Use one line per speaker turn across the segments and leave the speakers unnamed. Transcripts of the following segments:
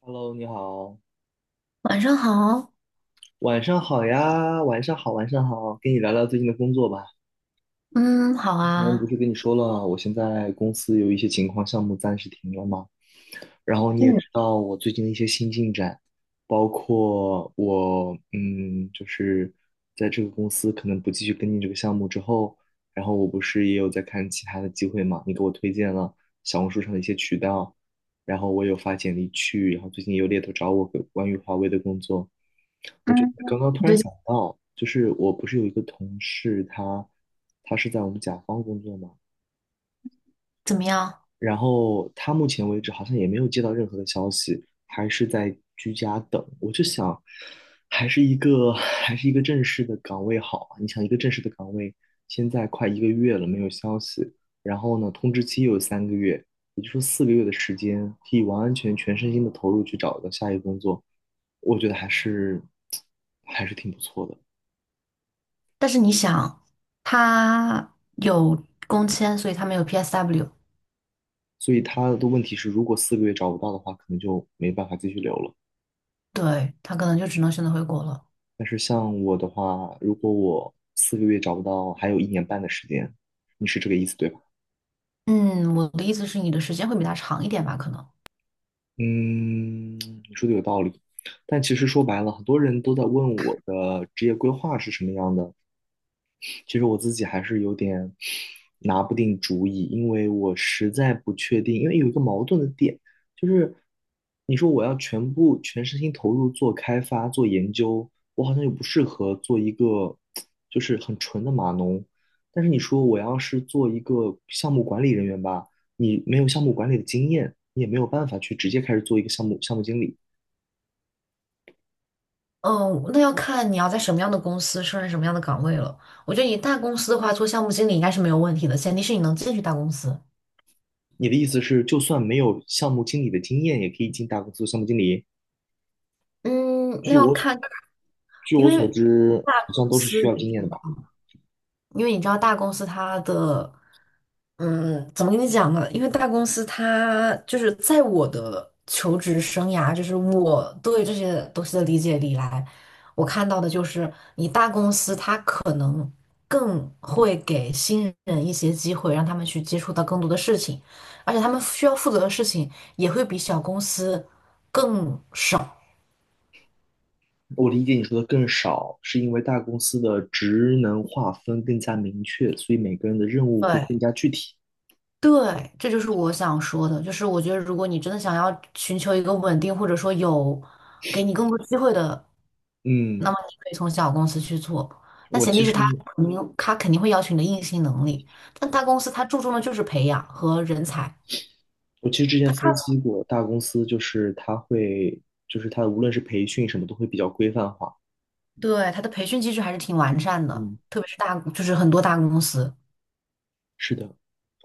Hello，你好，
晚上好。
晚上好呀，晚上好，晚上好，跟你聊聊最近的工作吧。
嗯，好
之前不
啊。
是跟你说了，我现在公司有一些情况，项目暂时停了吗？然后你也知
嗯
道我最近的一些新进展，包括我就是在这个公司可能不继续跟进这个项目之后，然后我不是也有在看其他的机会嘛？你给我推荐了小红书上的一些渠道，然后我有发简历去，然后最近也有猎头找我关于华为的工作，我就
嗯，
刚刚
你
突然
最近
想到，就是我不是有一个同事他，他是在我们甲方工作嘛，
怎么样？
然后他目前为止好像也没有接到任何的消息，还是在居家等。我就想，还是一个 还是一个正式的岗位好啊。你想，一个正式的岗位，现在快一个月了没有消息，然后呢，通知期又有3个月，也就是说四个月的时间，可以完完全全身心的投入去找到下一个工作，我觉得还是 还是挺不错的。
但是你想，他有工签，所以他没有 PSW。
所以他的问题是，如果四个月找不到的话，可能就没办法继续留了。
对，他可能就只能选择回国了。
但是像我的话，如果我四个月找不到，还有一年半的时间，你是这个意思对吧？
嗯，我的意思是，你的时间会比他长一点吧？可能。
嗯，你说的有道理。但其实说白了，很多人都在问我的职业规划是什么样的，其实我自己还是有点拿不定主意，因为我实在不确定，因为有一个矛盾的点，就是你说我要全部全身心投入做开发、做研究，我好像又不适合做一个就是很纯的码农，但是你说我要是做一个项目管理人员吧，你没有项目管理的经验，你也没有办法去直接开始做一个项目经理。
哦，那要看你要在什么样的公司胜任什么样的岗位了。我觉得你大公司的话，做项目经理应该是没有问题的，前提是你能进去大公司。
你的意思是，就算没有项目经理的经验，也可以进大公司做项目经理？
嗯，
据
那要
我所
看。
据
因
我所
为
知，
大
好像
公
都是需
司
要
你
经验的
知道。
吧。
因为你知道大公司它的，怎么跟你讲呢？因为大公司它就是在我的求职生涯，就是我对这些东西的理解里来，我看到的就是你大公司它可能更会给新人一些机会，让他们去接触到更多的事情，而且他们需要负责的事情也会比小公司更少。
我理解你说的更少，是因为大公司的职能划分更加明确，所以每个人的任务会
对。
更加具体。
对，这就是我想说的，就是我觉得如果你真的想要寻求一个稳定，或者说有给你更多机会的，那
嗯，
么你可以从小公司去做。那
我
前
其
提是他，
实
肯定会要求你的硬性能力，但大公司他注重的就是培养和人才。
我其实之前
他看，
分析过，大公司就是它会，就是它无论是培训什么都会比较规范化。
对他的培训机制还是挺完善的，
嗯，
特别是大，就是很多大公司。
是的，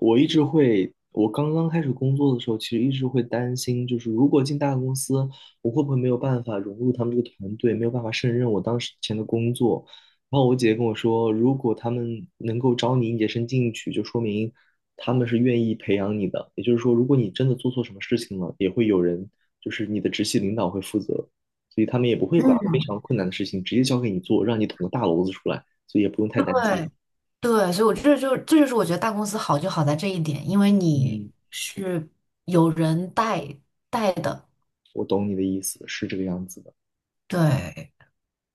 我一直会，我刚刚开始工作的时候，其实一直会担心，就是如果进大公司，我会不会没有办法融入他们这个团队，没有办法胜任我当时前的工作。然后我姐姐跟我说，如果他们能够招你应届生进去，就说明他们是愿意培养你的。也就是说，如果你真的做错什么事情了，也会有人，就是你的直系领导会负责，所以他们也不会把非
嗯，
常困难的事情直接交给你做，让你捅个大娄子出来，所以也不用太担心。
对对，所以我这，就是我觉得大公司好就好在这一点，因为你
嗯。
是有人带带的。
我懂你的意思，是这个样子的。
对。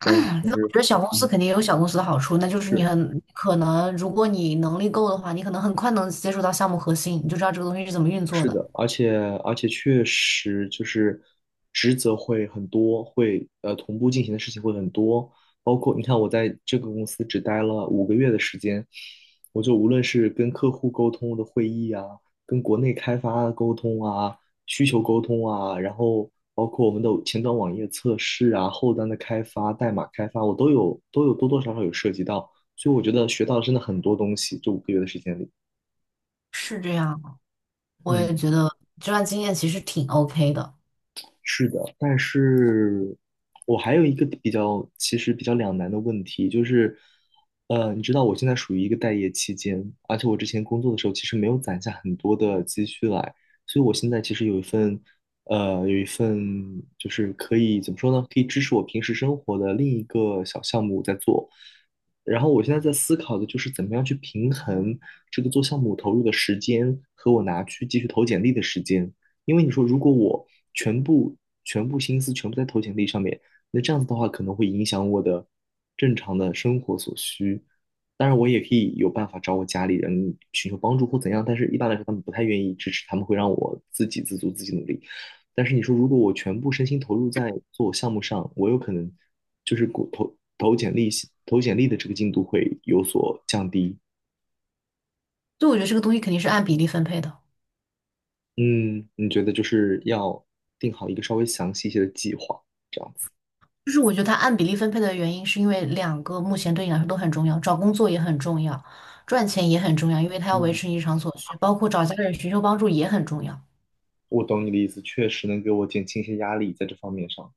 但是，
觉得小公司
嗯，
肯定也有小公司的好处，那就是你
是，
很可能，如果你能力够的话，你可能很快能接触到项目核心，你就知道这个东西是怎么运作
是
的。
的，而且确实就是职责会很多，会同步进行的事情会很多，包括你看我在这个公司只待了五个月的时间，我就无论是跟客户沟通的会议啊，跟国内开发的沟通啊，需求沟通啊，然后包括我们的前端网页测试啊，后端的开发、代码开发，我都有多多少少有涉及到，所以我觉得学到了真的很多东西，这五个月的时间里，
是这样，我也
嗯。
觉得这段经验其实挺 OK 的。
是的，但是我还有一个比较，其实比较两难的问题，就是，你知道我现在属于一个待业期间，而且我之前工作的时候其实没有攒下很多的积蓄来，所以我现在其实有一份就是可以怎么说呢，可以支持我平时生活的另一个小项目在做。然后我现在在思考的就是怎么样去平衡这个做项目投入的时间和我拿去继续投简历的时间。因为你说如果我全部全部心思全部在投简历上面，那这样子的话可能会影响我的正常的生活所需。当然，我也可以有办法找我家里人寻求帮助或怎样，但是一般来说他们不太愿意支持，他们会让我自给自足，自己努力。但是你说，如果我全部身心投入在做我项目上，我有可能就是过投投简历投简历的这个进度会有所降低。
就我觉得这个东西肯定是按比例分配的，
嗯，你觉得就是要定好一个稍微详细一些的计划，这样子。
就是我觉得它按比例分配的原因是因为两个目前对你来说都很重要，找工作也很重要，赚钱也很重要，因为它要维
嗯，
持你日常所需，包括找家人寻求帮助也很重要。
我懂你的意思，确实能给我减轻一些压力在这方面上。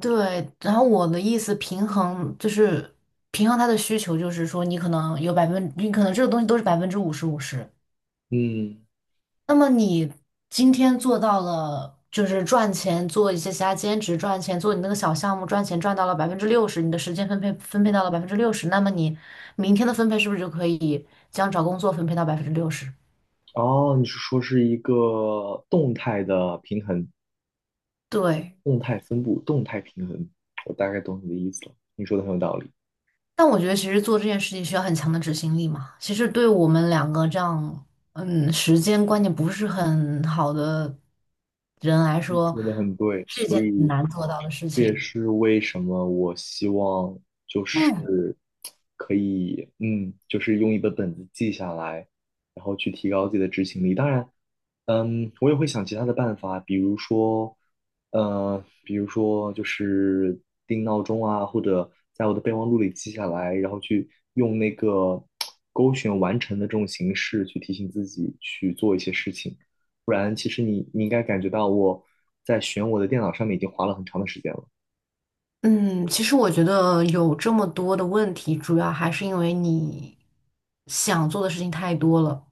对，然后我的意思平衡就是平衡他的需求，就是说你可能这个东西都是50-50。
嗯，
那么你今天做到了，就是赚钱做一些其他兼职赚钱，做你那个小项目赚钱赚到了百分之六十，你的时间分配到了百分之六十，那么你明天的分配是不是就可以将找工作分配到百分之六十？
哦，你是说是一个动态的平衡，
对。
动态分布，动态平衡，我大概懂你的意思了，你说的很有道理。
但我觉得其实做这件事情需要很强的执行力嘛。其实对我们两个这样，嗯，时间观念不是很好的人来
你
说，
说的很对，
是一件
所
很
以
难做到的事
这也
情。
是为什么我希望就
嗯
是可以，就是用一本本子记下来，然后去提高自己的执行力。当然，我也会想其他的办法，比如说，就是定闹钟啊，或者在我的备忘录里记下来，然后去用那个勾选完成的这种形式去提醒自己去做一些事情。不然其实你应该感觉到我在选我的电脑上面已经花了很长的时间了，
嗯，其实我觉得有这么多的问题，主要还是因为你想做的事情太多了。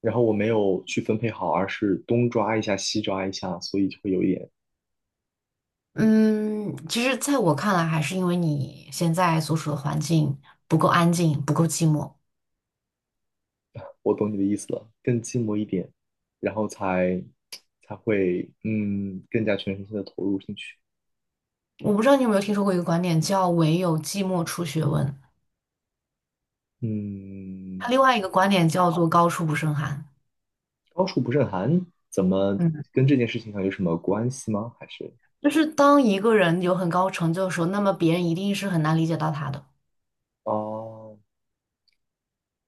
然后我没有去分配好，而是东抓一下西抓一下，所以就会有一点，
嗯，其实在我看来，还是因为你现在所处的环境不够安静，不够寂寞。
我懂你的意思了，更寂寞一点，然后才会更加全身心的投入进去。
我不知道你有没有听说过一个观点，叫"唯有寂寞出学问"。他
嗯，
另外一个观点叫做高处不胜寒。
高处不胜寒，怎么
嗯，
跟这件事情上有什么关系吗？还是
就是当一个人有很高成就的时候，那么别人一定是很难理解到他的。
啊，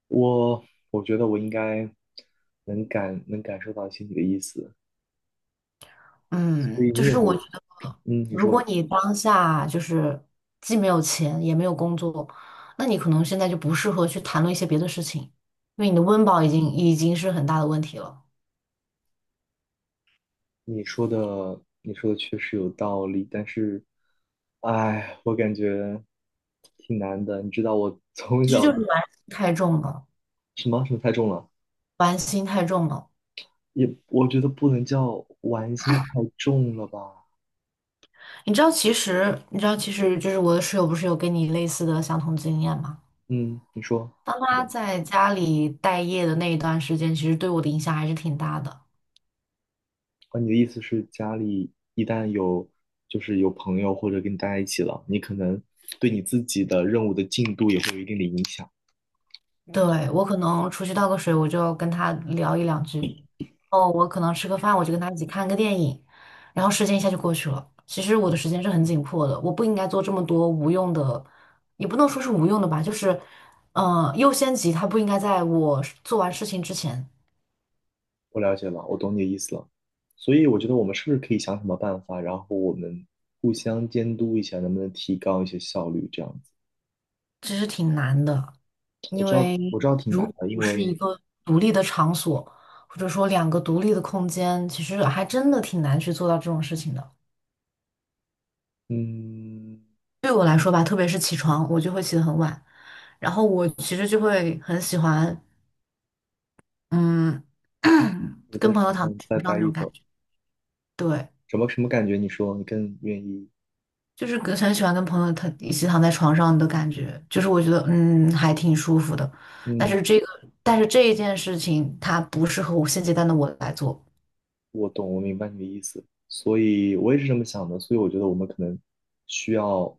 我我觉得我应该能感受到一些你的意思，所
嗯，
以
就
你
是我觉
有
得，
嗯，你
如果
说
你当下就是既没有钱也没有工作，那你可能现在就不适合去谈论一些别的事情，因为你的温饱已经是很大的问题了，
你说的确实有道理，但是，哎，我感觉挺难的。你知道我 从
其实
小
就是玩心太重了。
什么什么太重了，
玩心太重了。
也我觉得不能叫玩心太重了吧。
你知道，其实你知道，其实就是我的室友不是有跟你类似的相同经验吗？
嗯，你说
当
是
他
的。
在家里待业的那一段时间，其实对我的影响还是挺大的。
啊，你的意思是家里一旦有就是有朋友或者跟你待在一起了，你可能对你自己的任务的进度也会有一定的影响。
对，嗯，我可能出去倒个水，我就跟他聊一两句。哦，我可能吃个饭，我就跟他一起看个电影，然后时间一下就过去了。其实我的时间是很紧迫的，我不应该做这么多无用的，也不能说是无用的吧，就是，优先级它不应该在我做完事情之前。
我了解了，我懂你的意思了。所以我觉得我们是不是可以想什么办法，然后我们互相监督一下，能不能提高一些效率？这样子，
其实挺难的。
我
因
知道，
为
我知道挺
如
难
果
的，因
不
为，
是一个独立的场所，或者说两个独立的空间，其实还真的挺难去做到这种事情的。
嗯，
对我来说吧，特别是起床，我就会起得很晚，然后我其实就会很喜欢，嗯，
我 在
跟朋友
床
躺在
上再
床上
待
那
一
种
会
感
儿，
觉。对，
什么什么感觉？你说你更愿意？
就是跟很喜欢跟朋友躺一起躺在床上的感觉，就是我觉得还挺舒服的。但
嗯，
是这个，但是这一件事情，它不适合我现阶段的我来做。
我懂，我明白你的意思。所以我也是这么想的。所以我觉得我们可能需要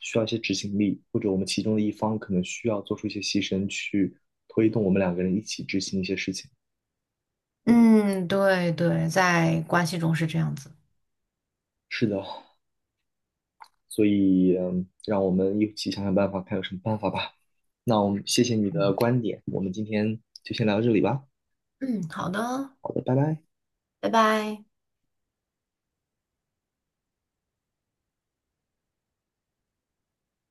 需要一些执行力，或者我们其中的一方可能需要做出一些牺牲，去推动我们两个人一起执行一些事情。
嗯，对对，在关系中是这样子。
是的，所以，让我们一起想想办法，看有什么办法吧。那我们谢谢你的观点，我们今天就先聊到这里吧。
嗯，好的，
好的，拜拜。
拜拜。